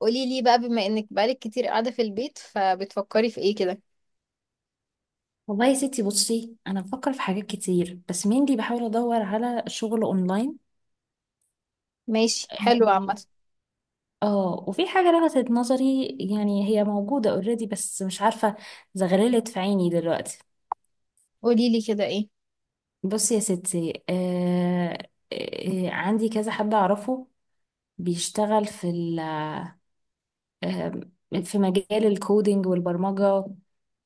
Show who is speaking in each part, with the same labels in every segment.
Speaker 1: قولي لي بقى، بما انك بقالك كتير قاعدة في البيت، فبتفكري في ايه كده؟
Speaker 2: والله يا ستي بصي انا بفكر في حاجات كتير بس mainly بحاول ادور على شغل اونلاين.
Speaker 1: ماشي، حلو
Speaker 2: إيه.
Speaker 1: عامة.
Speaker 2: اه وفي حاجه لفتت نظري، يعني هي موجوده اوريدي بس مش عارفه، زغللت في عيني دلوقتي.
Speaker 1: قولي لي كده ايه؟
Speaker 2: بصي يا ستي، عندي كذا حد اعرفه بيشتغل في ال آه في مجال الكودينج والبرمجه.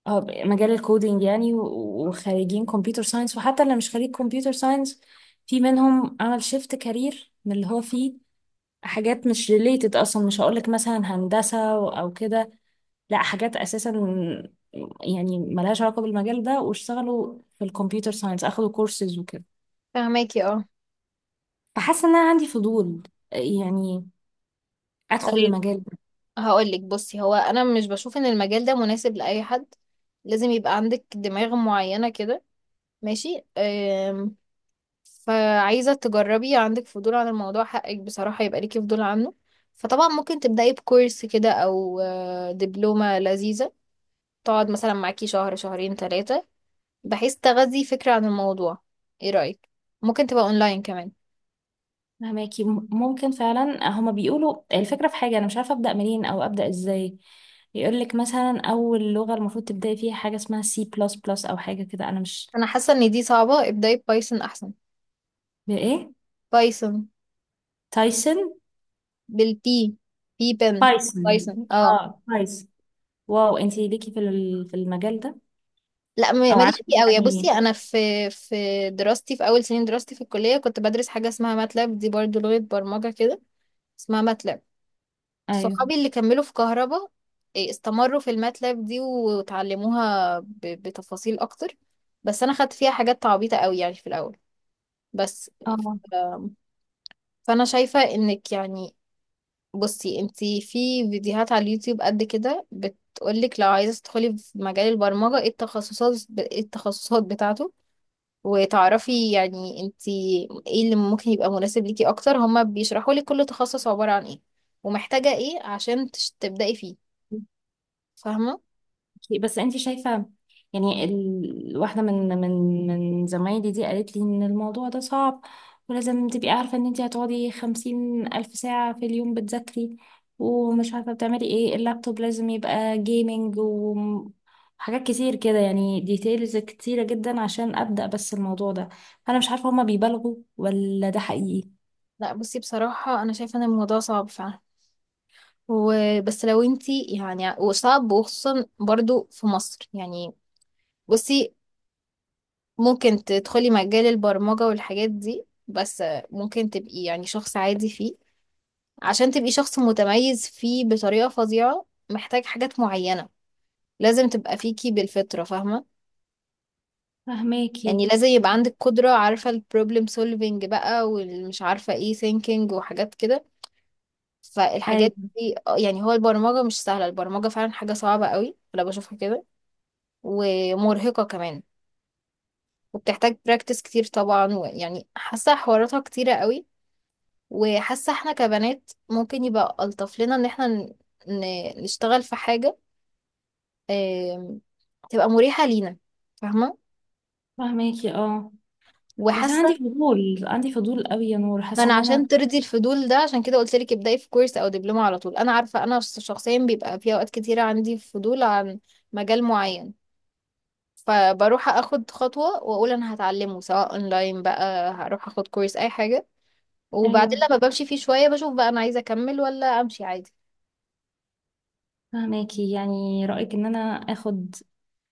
Speaker 2: اه. مجال الكودينج يعني وخريجين كمبيوتر ساينس، وحتى اللي مش خريج كمبيوتر ساينس في منهم عمل شيفت كارير من اللي هو فيه حاجات مش ريليتد اصلا. مش هقولك مثلا هندسة او كده، لا حاجات اساسا يعني ملهاش علاقة بالمجال ده، واشتغلوا في الكمبيوتر ساينس، اخدوا كورسز وكده.
Speaker 1: فهماكي، اه.
Speaker 2: فحاسة ان انا عندي فضول، يعني ادخل
Speaker 1: طيب
Speaker 2: المجال.
Speaker 1: هقول لك، بصي هو انا مش بشوف ان المجال ده مناسب لاي حد، لازم يبقى عندك دماغ معينة كده. ماشي أم. فعايزة تجربي، عندك فضول عن الموضوع حقك بصراحة، يبقى ليكي فضول عنه. فطبعا ممكن تبدأي بكورس كده او دبلومة لذيذة، تقعد مثلا معاكي شهر شهرين ثلاثة، بحيث تغذي فكرة عن الموضوع. ايه رأيك؟ ممكن تبقى اونلاين كمان.
Speaker 2: فهماكي. ممكن فعلا، هما بيقولوا الفكرة في حاجة أنا مش عارفة أبدأ منين أو أبدأ إزاي، يقولك مثلا أول لغة المفروض تبدأي فيها حاجة اسمها سي بلس بلس أو حاجة كده. أنا مش،
Speaker 1: انا حاسة ان دي صعبة، ابدأي بايثون احسن.
Speaker 2: بإيه؟
Speaker 1: بايثون.
Speaker 2: تايسون؟
Speaker 1: بالبي. بي بن.
Speaker 2: بايثون؟
Speaker 1: بايثون اه.
Speaker 2: اه بايثون. واو، انتي ليكي في في المجال ده
Speaker 1: لا،
Speaker 2: أو عندك
Speaker 1: ماليش فيه قوي، بصي
Speaker 2: يعني؟
Speaker 1: انا في، في دراستي، في اول سنين دراستي في الكلية كنت بدرس حاجة اسمها ماتلاب، دي برضو لغة برمجة كده، اسمها ماتلاب.
Speaker 2: أيوه.
Speaker 1: صحابي اللي كملوا في كهربا، استمروا في الماتلاب دي وتعلموها بتفاصيل اكتر، بس انا خدت فيها حاجات تعبيطة قوي يعني في الاول، بس.
Speaker 2: اه.
Speaker 1: آه، فانا شايفة انك يعني، بصي انتي في فيديوهات على اليوتيوب قد كده بتقولك لو عايزة تدخلي في مجال البرمجة ايه التخصصات، ايه التخصصات بتاعته، وتعرفي يعني انتي ايه اللي ممكن يبقى مناسب ليكي اكتر، هما بيشرحوا لك كل تخصص عبارة عن ايه، ومحتاجة ايه عشان تبدأي فيه. فاهمة؟
Speaker 2: بس انت شايفة يعني واحدة من زمايلي دي قالت لي ان الموضوع ده صعب، ولازم تبقي عارفة ان انت هتقعدي 50,000 ساعة في اليوم بتذاكري، ومش عارفة بتعملي ايه، اللابتوب لازم يبقى جيمنج، وحاجات كتير كده يعني ديتيلز كتيرة جدا عشان أبدأ بس الموضوع ده. فأنا مش عارفة هما بيبالغوا ولا ده حقيقي.
Speaker 1: لا بصي، بصراحة انا شايفة ان الموضوع صعب فعلا، وبس لو انتي يعني، وصعب وخصوصا برضو في مصر يعني. بصي، ممكن تدخلي مجال البرمجة والحاجات دي، بس ممكن تبقي يعني شخص عادي فيه. عشان تبقي شخص متميز فيه بطريقة فظيعة، محتاج حاجات معينة لازم تبقى فيكي بالفطرة. فاهمة؟
Speaker 2: فهماكي.
Speaker 1: يعني لازم يبقى عندك قدرة، عارفة البروبلم سولفينج بقى، والمش عارفة ايه ثينكينج، وحاجات كده.
Speaker 2: أيوة.
Speaker 1: فالحاجات دي يعني، هو البرمجة مش سهلة، البرمجة فعلا حاجة صعبة قوي، أنا بشوفها كده، ومرهقة كمان، وبتحتاج براكتس كتير طبعا، ويعني حاسة حواراتها كتيرة قوي. وحاسة احنا كبنات ممكن يبقى ألطف لنا ان احنا نشتغل في حاجة آم، تبقى مريحة لينا. فاهمة؟
Speaker 2: فهماكي، اه، بس أنا
Speaker 1: وحاسة،
Speaker 2: عندي فضول، عندي فضول قوي يا نور،
Speaker 1: ما
Speaker 2: حاسة
Speaker 1: انا
Speaker 2: ان
Speaker 1: عشان
Speaker 2: انا.
Speaker 1: ترضي الفضول ده عشان كده قلت لك ابدأي في كورس او دبلومة على طول. انا عارفة انا شخصيا بيبقى في اوقات كتيرة عندي فضول عن مجال معين، فبروح اخد خطوة واقول انا هتعلمه، سواء اونلاين بقى، هروح اخد كورس اي حاجة، وبعدين
Speaker 2: ايوه.
Speaker 1: لما بمشي فيه شوية بشوف بقى انا عايزة اكمل ولا امشي عادي.
Speaker 2: فهماكي، يعني رأيك ان انا اخد،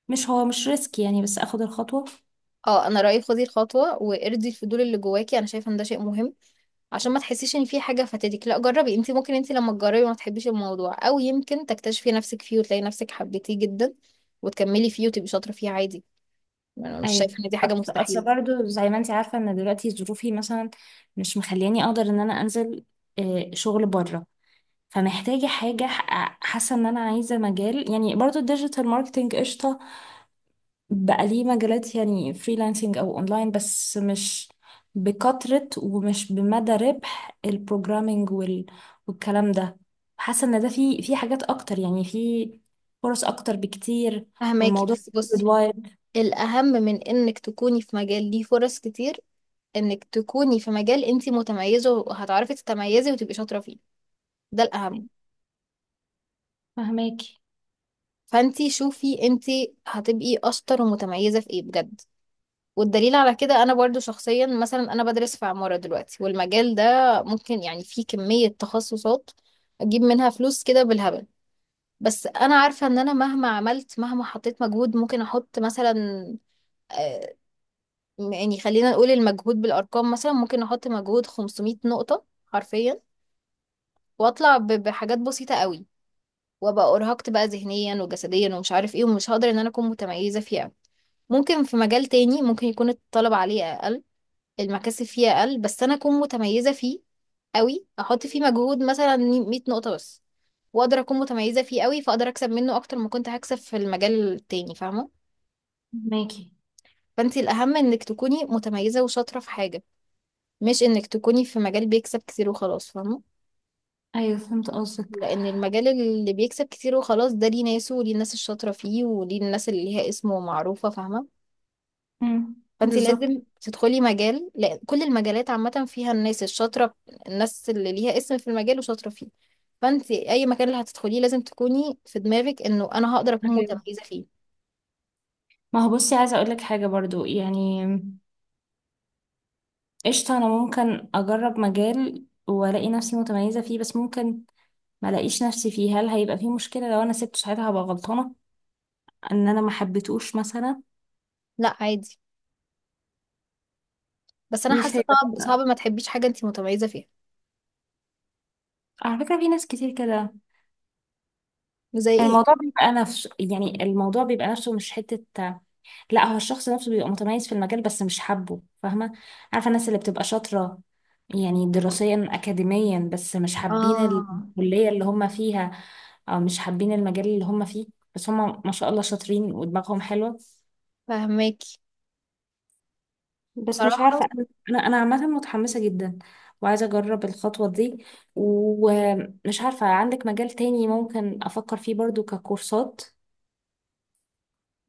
Speaker 2: مش هو مش ريسك يعني بس اخد الخطوة.
Speaker 1: اه انا رايي خدي الخطوه وارضي الفضول اللي جواكي، انا شايفه ان ده شيء مهم، عشان ما تحسيش ان في حاجه فاتتك. لا جربي، انت ممكن انت لما تجربي ما تحبيش الموضوع، او يمكن تكتشفي نفسك فيه وتلاقي نفسك حبيتيه جدا وتكملي فيه وتبقي شاطره فيه عادي. انا مش
Speaker 2: ايوه.
Speaker 1: شايفه ان دي حاجه
Speaker 2: أصل
Speaker 1: مستحيله.
Speaker 2: برضو زي ما انت عارفة ان دلوقتي ظروفي مثلا مش مخلياني اقدر ان انا انزل شغل بره، فمحتاجة حاجة، حاسة ان انا عايزة مجال، يعني برضو الديجيتال ماركتينج قشطة، بقى ليه مجالات يعني فريلانسنج او اونلاين، بس مش بكثرة ومش بمدى ربح البروجرامينج والكلام ده. حاسه ان ده في حاجات اكتر، يعني في فرص اكتر بكتير،
Speaker 1: فهماكي؟
Speaker 2: والموضوع
Speaker 1: بس بصي،
Speaker 2: وايد.
Speaker 1: الاهم من انك تكوني في مجال ليه فرص كتير، انك تكوني في مجال انت متميزه وهتعرفي تتميزي وتبقي شاطره فيه. ده الاهم.
Speaker 2: فهماكي.
Speaker 1: فانت شوفي انت هتبقي اشطر ومتميزه في ايه بجد. والدليل على كده انا برضو شخصيا، مثلا انا بدرس في عمارة دلوقتي، والمجال ده ممكن يعني فيه كمية تخصصات اجيب منها فلوس كده بالهبل، بس انا عارفة ان انا مهما عملت، مهما حطيت مجهود، ممكن احط مثلا آه، يعني، خلينا نقول المجهود بالارقام، مثلا ممكن احط مجهود 500 نقطة حرفيا، واطلع بحاجات بسيطة قوي، وابقى ارهقت بقى ذهنيا وجسديا ومش عارف ايه، ومش هقدر ان انا اكون متميزة فيها. ممكن في مجال تاني ممكن يكون الطلب عليه اقل، المكاسب فيه اقل، بس انا اكون متميزه فيه قوي، احط فيه مجهود مثلا 100 نقطه بس، واقدر اكون متميزه فيه قوي، فاقدر اكسب منه اكتر ما كنت هكسب في المجال التاني. فاهمه؟
Speaker 2: فهماكي،
Speaker 1: فانت الاهم انك تكوني متميزه وشاطره في حاجه، مش انك تكوني في مجال بيكسب كتير وخلاص. فاهمه؟
Speaker 2: ايوه فهمت قصدك.
Speaker 1: لان المجال اللي بيكسب كتير وخلاص ده ليه ناسه، وليه الناس الشاطره فيه، وليه الناس اللي ليها اسم ومعروفه. فاهمه؟
Speaker 2: امم.
Speaker 1: فانت
Speaker 2: بالظبط.
Speaker 1: لازم تدخلي مجال، لأن كل المجالات عامة فيها الناس الشاطرة، الناس اللي ليها اسم في المجال وشاطرة فيه. فانت اي مكان اللي هتدخليه لازم تكوني في دماغك انه انا هقدر اكون
Speaker 2: أيوة.
Speaker 1: متميزة فيه.
Speaker 2: ما هو بصي عايزه اقول لك حاجه برضو يعني قشطه، انا ممكن اجرب مجال والاقي نفسي متميزه فيه، بس ممكن ما لاقيش نفسي فيه. هل هيبقى فيه مشكلة لو انا سبته ساعتها؟ هبقى غلطانة ان انا ما حبيتهوش مثلا؟
Speaker 1: لا عادي، بس انا
Speaker 2: مش
Speaker 1: حاسة صعب، صعب
Speaker 2: هيبقى،
Speaker 1: ما تحبيش حاجة انت متميزة فيها.
Speaker 2: على فكرة، في ناس كتير كده.
Speaker 1: زي ايه؟
Speaker 2: الموضوع بيبقى نفسه، يعني الموضوع بيبقى نفسه، مش حتة، لا هو الشخص نفسه بيبقى متميز في المجال بس مش حابه، فاهمة؟ عارفة الناس اللي بتبقى شاطرة يعني دراسيا أكاديميا، بس مش حابين
Speaker 1: اه،
Speaker 2: الكلية اللي هم فيها أو مش حابين المجال اللي هم فيه، بس هم ما شاء الله شاطرين ودماغهم حلوة.
Speaker 1: فهماكي.
Speaker 2: بس مش عارفة،
Speaker 1: بصراحة،
Speaker 2: أنا عامة متحمسة جدا وعايزة أجرب الخطوة دي، ومش عارفة عندك مجال تاني ممكن أفكر فيه برضو ككورسات؟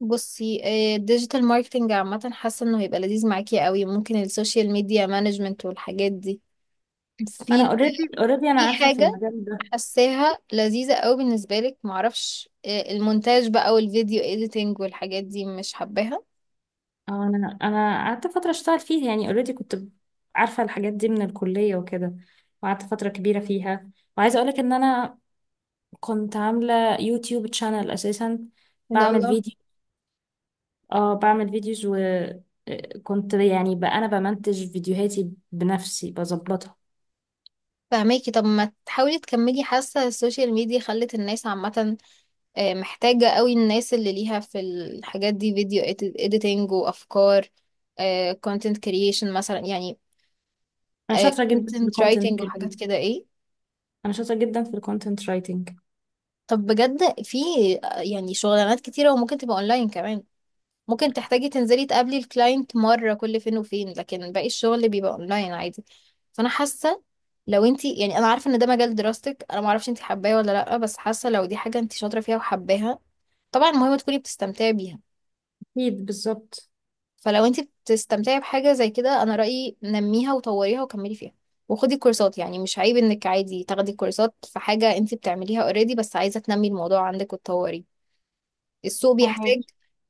Speaker 1: بصي الديجيتال ماركتنج عامة حاسة انه هيبقى لذيذ معاكي قوي، ممكن السوشيال ميديا مانجمنت والحاجات دي،
Speaker 2: ما أنا
Speaker 1: في،
Speaker 2: اوريدي، أنا
Speaker 1: في
Speaker 2: عارفة في
Speaker 1: حاجة
Speaker 2: المجال ده.
Speaker 1: حاساها لذيذة قوي بالنسبة لك، معرفش المونتاج بقى، والفيديو اديتنج والحاجات دي، مش حباها؟
Speaker 2: أو أنا، قعدت فترة أشتغل فيه، يعني اوريدي كنت عارفة الحاجات دي من الكلية وكده، وقعدت فترة كبيرة فيها. وعايزة أقولك إن أنا كنت عاملة يوتيوب تشانل أساسا،
Speaker 1: ايه ده،
Speaker 2: بعمل
Speaker 1: الله.
Speaker 2: فيديو. اه، بعمل فيديوز، وكنت يعني بقى انا بمنتج فيديوهاتي بنفسي بظبطها.
Speaker 1: فهماكي، طب ما تحاولي تكملي، حاسة السوشيال ميديا خلت الناس عامة محتاجة قوي الناس اللي ليها في الحاجات دي، فيديو اديتنج وافكار، كونتنت كرييشن مثلا يعني،
Speaker 2: انا شاطره جدا في
Speaker 1: كونتنت
Speaker 2: الكونتنت.
Speaker 1: رايتنج وحاجات كده، ايه.
Speaker 2: انا شاطره جدا في الكونتنت رايتنج.
Speaker 1: طب بجد في يعني شغلانات كتيرة، وممكن تبقى اونلاين كمان، ممكن تحتاجي تنزلي تقابلي الكلاينت مرة كل فين وفين، لكن باقي الشغل بيبقى اونلاين عادي. فانا حاسة، لو انتي يعني، انا عارفة ان ده مجال دراستك، انا معرفش انتي حباه ولا لأ، بس حاسة لو دي حاجة انتي شاطرة فيها وحباها، طبعا المهم تكوني بتستمتعي بيها.
Speaker 2: اكيد، بالظبط.
Speaker 1: فلو انتي بتستمتعي بحاجة زي كده انا رأيي نميها وطوريها وكملي فيها. وخدي كورسات، يعني مش عيب انك عادي تاخدي كورسات في حاجة انتي بتعمليها اوريدي، بس عايزة تنمي الموضوع عندك وتطوريه. السوق
Speaker 2: فاهمك.
Speaker 1: بيحتاج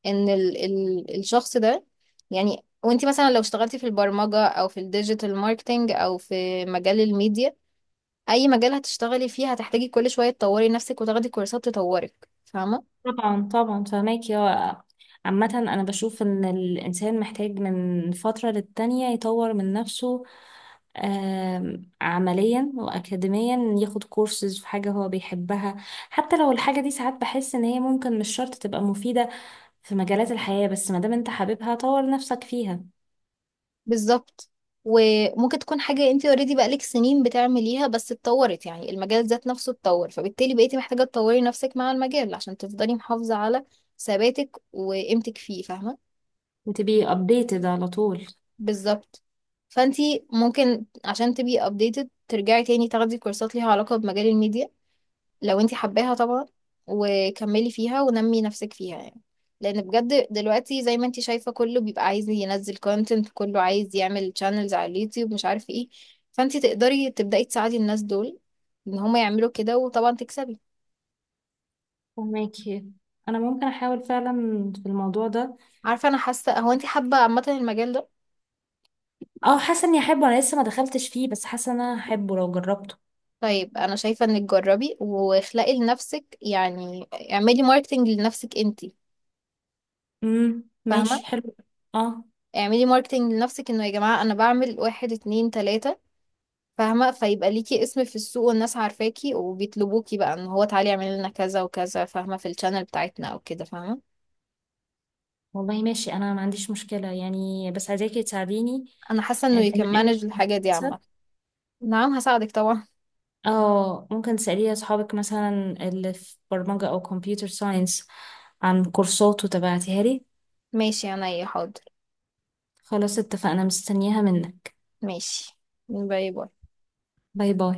Speaker 1: ان ال الشخص ده، يعني وانت مثلا لو اشتغلتي في البرمجة او في الديجيتال ماركتينج او في مجال الميديا، اي مجال هتشتغلي فيه هتحتاجي كل شوية تطوري نفسك وتاخدي كورسات تطورك. فاهمة؟
Speaker 2: طبعا طبعا فهماك يا، عامة أنا بشوف إن الإنسان محتاج من فترة للتانية يطور من نفسه، عمليا وأكاديميا، ياخد كورسز في حاجة هو بيحبها، حتى لو الحاجة دي ساعات بحس إن هي ممكن مش شرط تبقى مفيدة في مجالات الحياة، بس ما دام انت حاببها طور نفسك فيها،
Speaker 1: بالظبط. وممكن تكون حاجة انت اوريدي بقالك سنين بتعمليها بس اتطورت، يعني المجال ذات نفسه اتطور، فبالتالي بقيتي محتاجة تطوري نفسك مع المجال عشان تفضلي محافظة على ثباتك وقيمتك فيه. فاهمة؟
Speaker 2: وتبقي updated على طول.
Speaker 1: بالظبط. فانتي ممكن عشان تبقي updated ترجعي تاني تاخدي كورسات ليها علاقة بمجال الميديا، لو انتي حباها طبعا، وكملي فيها ونمي نفسك فيها يعني. لان بجد دلوقتي زي ما انتي شايفة كله بيبقى عايز ينزل content، كله عايز يعمل channels على اليوتيوب، مش عارف ايه. فانتي تقدري تبدأي تساعدي الناس دول ان هما يعملوا كده، وطبعا تكسبي.
Speaker 2: فهماكي. انا ممكن احاول فعلا في الموضوع ده.
Speaker 1: عارفة، انا حاسة هو انتي حابة عامة المجال ده.
Speaker 2: اه، حاسه اني احبه، انا لسه ما دخلتش فيه بس حاسه ان انا احبه لو جربته.
Speaker 1: طيب انا شايفة انك جربي واخلقي لنفسك يعني، اعملي ماركتنج لنفسك انتي.
Speaker 2: امم، ماشي
Speaker 1: فاهمة؟
Speaker 2: حلو. اه.
Speaker 1: اعملي ماركتينج لنفسك انه يا جماعة انا بعمل واحد اتنين تلاتة، فاهمة؟ فيبقى ليكي اسم في السوق والناس عارفاكي وبيطلبوكي بقى ان هو تعالي اعملي لنا كذا وكذا، فاهمة، في الشانل بتاعتنا او كده. فاهمة؟
Speaker 2: والله ماشي، انا ما عنديش مشكله يعني بس عايزاكي تساعديني.
Speaker 1: انا حاسة انه
Speaker 2: يعني بما
Speaker 1: يكمانج
Speaker 2: انك
Speaker 1: مانج الحاجة دي
Speaker 2: هندسة،
Speaker 1: عامة. نعم هساعدك طبعا.
Speaker 2: اه، ممكن تسألي اصحابك مثلا اللي في برمجه او كمبيوتر ساينس عن كورسات وتبعتيها لي.
Speaker 1: ماشي انا ايه، حاضر.
Speaker 2: خلاص اتفقنا، مستنياها منك.
Speaker 1: ماشي، باي باي.
Speaker 2: باي باي.